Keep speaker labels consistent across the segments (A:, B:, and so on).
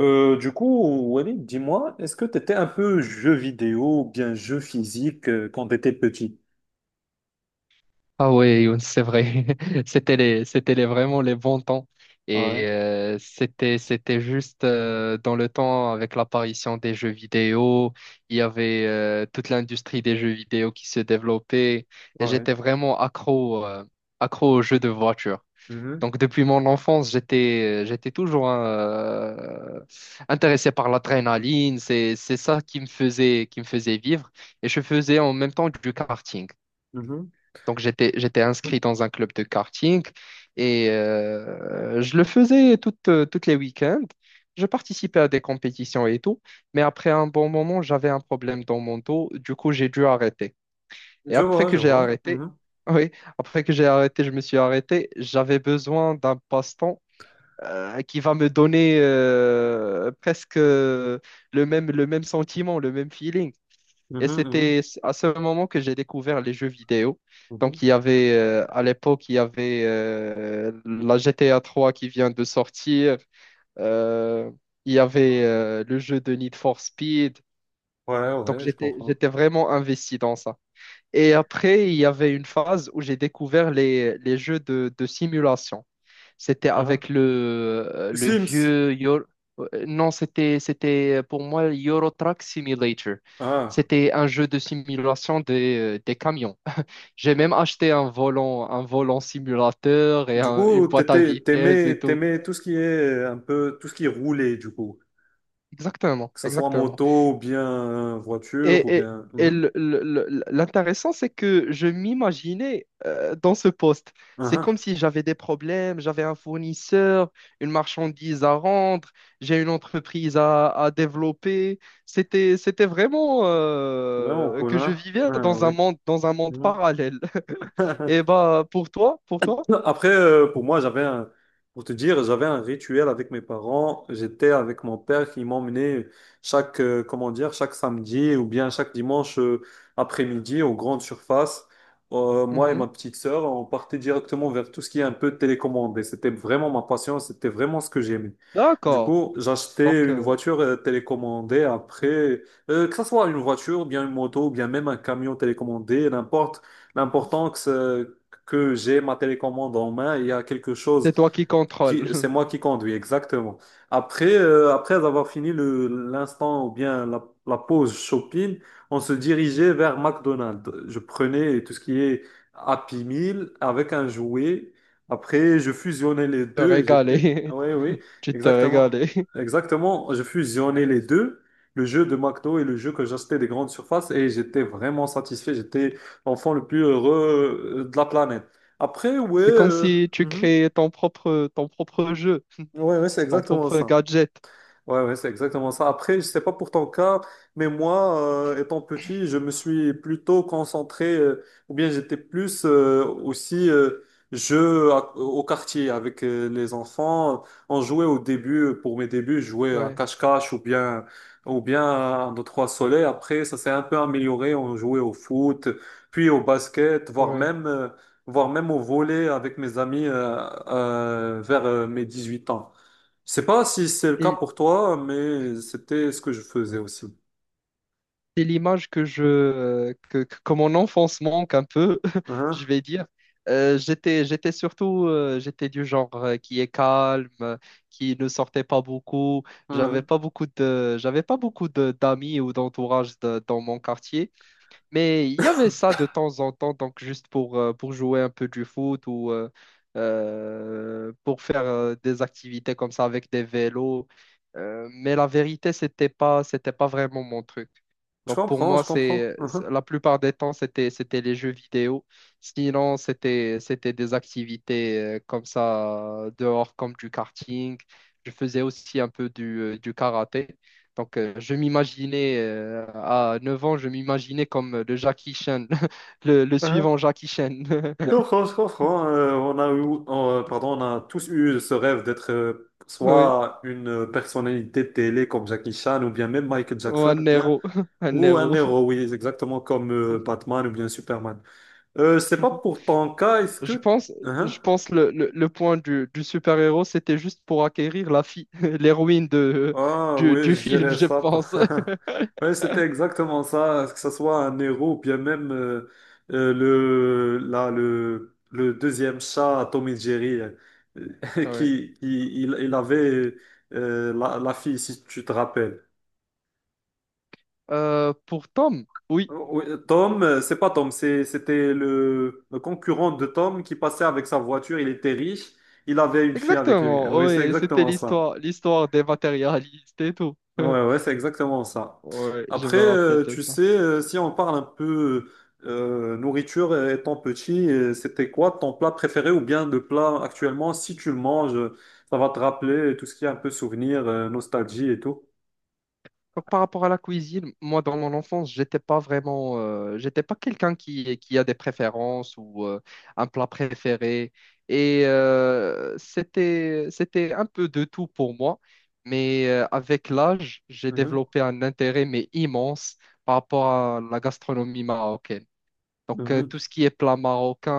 A: Du coup, Walid, dis-moi, est-ce que tu étais un peu jeu vidéo ou bien jeu physique quand tu étais petit?
B: Ah ouais, Youn, c'est vrai. C'était les, vraiment les bons temps. Et
A: Ouais,
B: c'était juste dans le temps avec l'apparition des jeux vidéo. Il y avait toute l'industrie des jeux vidéo qui se développait. Et
A: ouais.
B: j'étais vraiment accro aux jeux de voiture.
A: Mhm,
B: Donc depuis mon enfance, j'étais toujours intéressé par l'adrénaline. C'est ça qui me faisait vivre. Et je faisais en même temps du karting.
A: mhm.
B: Donc, j'étais inscrit dans un club de karting et je le faisais toutes les week-ends. Je participais à des compétitions et tout, mais après un bon moment, j'avais un problème dans mon dos. Du coup, j'ai dû arrêter. Et
A: Je
B: après
A: vois,
B: que
A: je
B: j'ai
A: vois.
B: arrêté,
A: Mhm,
B: oui, après que j'ai arrêté, je me suis arrêté. J'avais besoin d'un passe-temps qui va me donner presque le même sentiment, le même feeling. Et
A: mhm, mhm,
B: c'était à ce moment que j'ai découvert les jeux vidéo.
A: mhm.
B: Donc, à l'époque, il y avait la GTA 3 qui vient de sortir. Euh, il y avait le jeu de Need for Speed.
A: Ouais,
B: Donc,
A: ouais, je
B: j'étais,
A: comprends.
B: j'étais vraiment investi dans ça. Et après, il y avait une phase où j'ai découvert les jeux de simulation. C'était
A: Ah.
B: avec le
A: Sims.
B: vieux Non, c'était pour moi Euro Truck Simulator.
A: Ah.
B: C'était un jeu de simulation des camions. J'ai
A: Euh,
B: même acheté un volant simulateur et
A: Du
B: une
A: coup,
B: boîte à vitesse et tout.
A: t'aimais tout ce qui est un peu, tout ce qui est roulé, du coup.
B: Exactement,
A: Que ce soit
B: exactement.
A: moto, ou bien voiture, ou
B: Et, et-
A: bien.
B: et
A: Mhm.
B: le- le- le- l'intéressant, c'est que je m'imaginais dans ce poste.
A: Ah,
B: C'est comme
A: ah.
B: si j'avais des problèmes, j'avais un fournisseur, une marchandise à rendre, j'ai une entreprise à développer. C'était vraiment
A: C'est vraiment cool,
B: que je
A: hein?
B: vivais
A: Ah,
B: dans un
A: oui.
B: monde, dans un monde
A: Mhm.
B: parallèle. Et bah pour toi, pour toi?
A: Après, pour moi, pour te dire, j'avais un rituel avec mes parents. J'étais avec mon père qui m'emmenait comment dire, chaque samedi ou bien chaque dimanche après-midi aux grandes surfaces. Moi et
B: Mhm.
A: ma petite sœur, on partait directement vers tout ce qui est un peu télécommandé. C'était vraiment ma passion, c'était vraiment ce que j'aimais. Du
B: D'accord.
A: coup, j'achetais
B: Donc,
A: une voiture télécommandée après, que ce soit une voiture, bien une moto, ou bien même un camion télécommandé, n'importe. L'important que c'est que j'ai ma télécommande en main, il y a quelque chose
B: c'est toi qui contrôles.
A: c'est moi qui conduis, exactement. Après, après avoir fini l'instant ou bien la pause shopping, on se dirigeait vers McDonald's. Je prenais tout ce qui est Happy Meal avec un jouet. Après, je fusionnais les
B: Te
A: deux et j'étais.
B: régaler.
A: Oui, oui,
B: Tu te
A: exactement.
B: régales.
A: Exactement, je fusionnais les deux, le jeu de McDo et le jeu que j'achetais des grandes surfaces et j'étais vraiment satisfait. J'étais l'enfant le plus heureux de la planète. Après, ouais...
B: C'est comme
A: euh,
B: si tu
A: Mhm.
B: créais ton propre jeu,
A: Ouais, ouais, c'est
B: ton
A: exactement
B: propre
A: ça.
B: gadget.
A: Ouais, ouais, c'est exactement ça. Après, je sais pas pour ton cas, mais moi, étant petit, je me suis plutôt concentré, ou bien j'étais plus aussi au quartier avec les enfants. On jouait pour mes débuts, je jouais à
B: Ouais,
A: cache-cache ou bien à un, deux, trois soleils. Après, ça s'est un peu amélioré. On jouait au foot, puis au basket,
B: ouais.
A: voire même au volley avec mes amis vers mes 8 ans. Je sais pas si c'est le cas
B: Et
A: pour toi, mais c'était ce que je faisais aussi.
B: c'est l'image que je, que mon enfance manque un peu,
A: Hein,
B: je vais dire. J'étais, j'étais surtout, j'étais du genre qui est calme, qui ne sortait pas beaucoup. J'avais
A: hein.
B: pas beaucoup de, j'avais pas beaucoup de d'amis ou d'entourage dans mon quartier. Mais il y avait ça de temps en temps, donc juste pour jouer un peu du foot ou pour faire des activités comme ça avec des vélos. Mais la vérité, c'était pas vraiment mon truc.
A: Je
B: Donc pour
A: comprends,
B: moi,
A: je comprends. Hein,
B: la plupart des temps, c'était les jeux vidéo. Sinon, c'était des activités comme ça dehors, comme du karting. Je faisais aussi un peu du karaté. Donc, je m'imaginais, à 9 ans, je m'imaginais comme le Jackie Chan, le
A: hein.
B: suivant Jackie Chan.
A: Je comprends, je comprends. Pardon, on a tous eu ce rêve d'être
B: Oui,
A: soit une personnalité de télé comme Jackie Chan ou bien même Michael
B: ou
A: Jackson
B: un héros, un
A: ou un
B: héros.
A: héros, oui, exactement comme Batman ou bien Superman. Je sais pas pour ton cas, est-ce
B: Je
A: que
B: pense,
A: hein?
B: je pense le point du super-héros, c'était juste pour acquérir la fille, l'héroïne de,
A: Ah
B: du,
A: oui,
B: du
A: je
B: film,
A: dirais
B: je
A: ça.
B: pense.
A: Oui, c'était exactement ça, que ce soit un héros ou bien même là, le deuxième chat, Tom et Jerry,
B: Ouais.
A: qui il avait la fille, si tu te rappelles.
B: Pour Tom, oui,
A: Oh, oui, Tom, c'est pas Tom, c'était le concurrent de Tom qui passait avec sa voiture, il était riche, il avait une fille avec lui.
B: exactement.
A: Oui, c'est
B: Oui, c'était
A: exactement ça.
B: l'histoire des matérialistes et tout.
A: Ouais, ouais, c'est exactement ça.
B: Ouais, je
A: Après,
B: me rappelle de
A: tu
B: ça.
A: sais, si on parle un peu nourriture étant petit, c'était quoi ton plat préféré ou bien le plat actuellement, si tu le manges, ça va te rappeler tout ce qui est un peu souvenir, nostalgie et tout.
B: Donc, par rapport à la cuisine, moi, dans mon enfance, j'étais pas quelqu'un qui a des préférences ou un plat préféré. Et c'était un peu de tout pour moi. Mais avec l'âge, j'ai
A: Mhm,
B: développé un intérêt, mais immense, par rapport à la gastronomie marocaine. Donc, tout
A: mhm.
B: ce qui est plat marocain,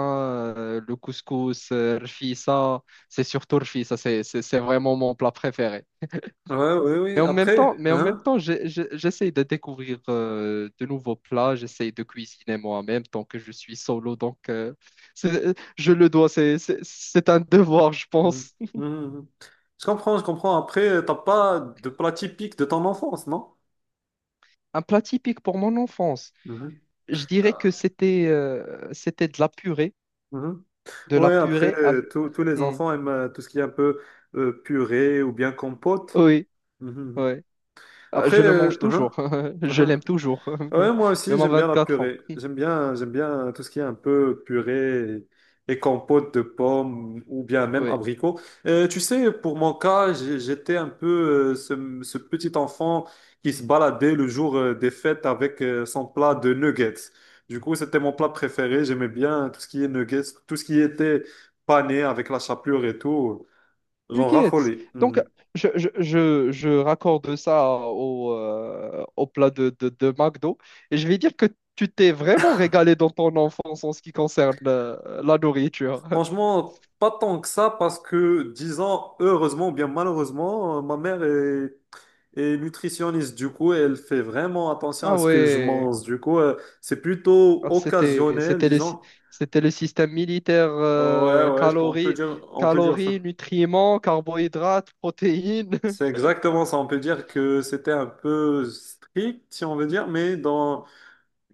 B: le couscous, rfissa, c'est surtout rfissa, c'est vraiment mon plat préféré.
A: Ouais, oui,
B: Mais
A: oui.
B: en même temps,
A: Après,
B: mais en même
A: hein?
B: temps, j'essaye de découvrir de nouveaux plats, j'essaye de cuisiner moi-même tant que je suis solo, donc je le dois, c'est un devoir, je
A: Mhm,
B: pense.
A: mhm. Mhm. Je comprends, je comprends. Après, t'as pas de plat typique de ton enfance, non?
B: Un plat typique pour mon enfance,
A: Mhm.
B: je dirais que
A: Ah.
B: c'était
A: Mhm.
B: de la
A: Ouais, après,
B: purée avec...
A: tous les
B: Hmm.
A: enfants aiment tout ce qui est un peu purée ou bien compote.
B: Oui,
A: Mhm, mhm.
B: oui. Je
A: Après,
B: le mange
A: hein,
B: toujours, je
A: hein,
B: l'aime toujours,
A: ouais, moi aussi,
B: même à
A: j'aime bien la
B: 24 ans.
A: purée. J'aime bien tout ce qui est un peu purée et compote de pommes ou bien même
B: Oui.
A: abricots. Tu sais, pour mon cas, j'étais un peu ce petit enfant qui se baladait le jour des fêtes avec son plat de nuggets. Du coup, c'était mon plat préféré. J'aimais bien tout ce qui est nuggets, tout ce qui était pané avec la chapelure et tout. J'en
B: Nuggets.
A: raffolais.
B: Donc,
A: Mhm.
B: je raccorde ça au plat de McDo. Et je vais dire que tu t'es vraiment régalé dans ton enfance en ce qui concerne la nourriture.
A: Franchement, pas tant que ça, parce que, disons, heureusement ou bien malheureusement, ma mère est nutritionniste. Du coup, elle fait vraiment attention
B: Ah
A: à ce que je
B: ouais.
A: mange. Du coup, c'est plutôt
B: Ah, c'était,
A: occasionnel,
B: c'était le, sy-
A: disons.
B: c'était le système militaire,
A: Euh, ouais, ouais,
B: calories,
A: on peut dire ça.
B: calories, nutriments, carbohydrates, protéines.
A: C'est exactement ça. On peut dire que c'était un peu strict, si on veut dire, mais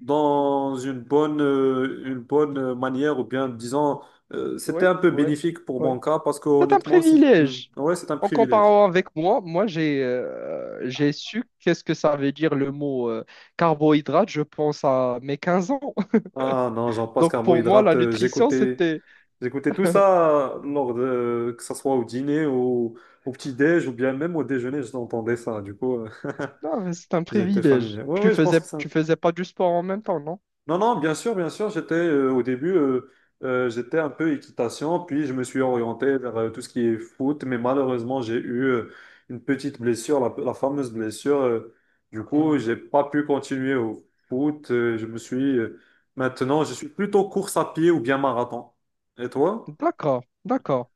A: dans une bonne manière, ou bien, disons,
B: Oui,
A: c'était un peu
B: oui.
A: bénéfique pour mon cas, parce que
B: C'est un
A: honnêtement, Hmm.
B: privilège.
A: Ouais, c'est un
B: En
A: privilège.
B: comparant avec moi, moi j'ai su qu'est-ce que ça veut dire le mot carbohydrate, je pense à mes 15 ans.
A: Ah non, j'en passe
B: Donc pour moi, la
A: carbohydrate.
B: nutrition, c'était
A: J'écoutais tout ça lors de, que ça soit au dîner, au petit-déj ou bien même au déjeuner, j'entendais ça. Du coup,
B: non, mais c'est un
A: j'étais
B: privilège.
A: familier. Oui,
B: Tu
A: oui, je pense
B: faisais
A: que ça.
B: tu faisais pas du sport en même temps, non?
A: Non, non, bien sûr, bien sûr. J'étais au début, j'étais un peu équitation, puis je me suis orienté vers tout ce qui est foot, mais malheureusement, j'ai eu une petite blessure, la fameuse blessure. Du coup,
B: Hmm.
A: j'ai pas pu continuer au foot. Je me suis Maintenant, je suis plutôt course à pied ou bien marathon. Et toi?
B: D'accord, d'accord.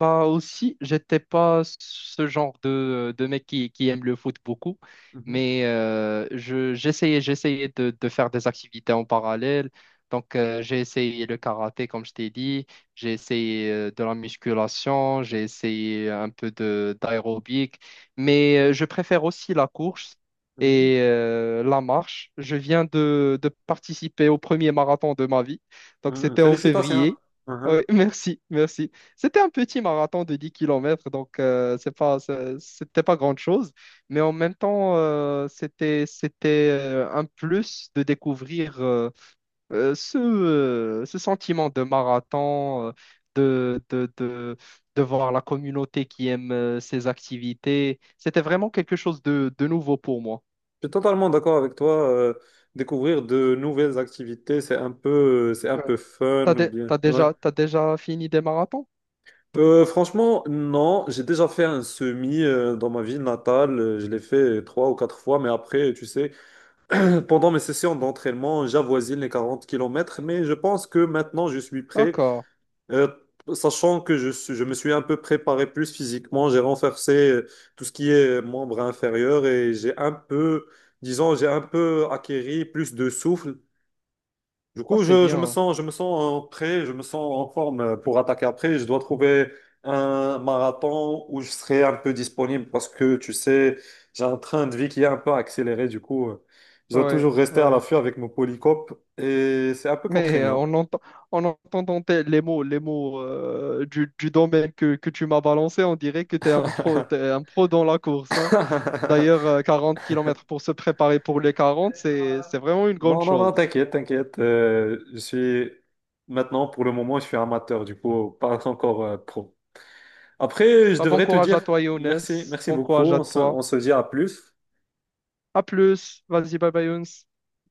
B: Bah aussi, j'étais pas ce genre de mec qui aime le foot beaucoup,
A: Mhm.
B: mais j'essayais de faire des activités en parallèle. Donc, j'ai essayé le karaté, comme je t'ai dit, j'ai essayé de la musculation, j'ai essayé un peu de d'aérobic, mais je préfère aussi la course
A: Mhm.
B: et la marche. Je viens de participer au premier marathon de ma vie, donc
A: Mhm.
B: c'était en
A: Félicitations.
B: février. Oui,
A: Mhm.
B: merci, merci. C'était un petit marathon de 10 km, donc c'était pas grande chose mais en même temps, c'était un plus de découvrir ce sentiment de marathon, de, de, de, de voir la communauté qui aime ces activités. C'était vraiment quelque chose de nouveau pour moi.
A: Je suis totalement d'accord avec toi. Découvrir de nouvelles activités, c'est un
B: Ouais.
A: peu fun
B: T'as
A: ou
B: dé-
A: bien.
B: t'as
A: Ouais.
B: déjà, t'as déjà fini des marathons?
A: Franchement, non. J'ai déjà fait un semi dans ma ville natale. Je l'ai fait trois ou quatre fois, mais après, tu sais, pendant mes sessions d'entraînement, j'avoisine les 40 kilomètres. Mais je pense que maintenant, je suis prêt.
B: D'accord.
A: Euh, Sachant que je me suis un peu préparé plus physiquement, j'ai renforcé tout ce qui est membre inférieur et j'ai un peu acquéri plus de souffle. Du
B: Ah,
A: coup,
B: c'est bien.
A: je me sens prêt, je me sens en forme pour attaquer après. Je dois trouver un marathon où je serai un peu disponible parce que, tu sais, j'ai un train de vie qui est un peu accéléré. Du coup, je dois
B: Ouais,
A: toujours rester à
B: ouais.
A: l'affût avec mon polycope et c'est un peu
B: Mais
A: contraignant.
B: en entendant les mots du domaine que tu m'as balancé, on dirait que tu es un pro, t'es un pro dans la course. Hein. D'ailleurs, 40 km pour se préparer pour les 40, c'est vraiment une grande
A: Non, non, non,
B: chose.
A: t'inquiète, t'inquiète. Pour le moment, je suis amateur, du coup, pas encore pro. Après, je
B: Bah, bon
A: devrais te
B: courage à
A: dire
B: toi, Younes.
A: merci
B: Bon
A: beaucoup.
B: courage à toi.
A: On se dit à plus.
B: À plus. Vas-y, bye bye, Younes.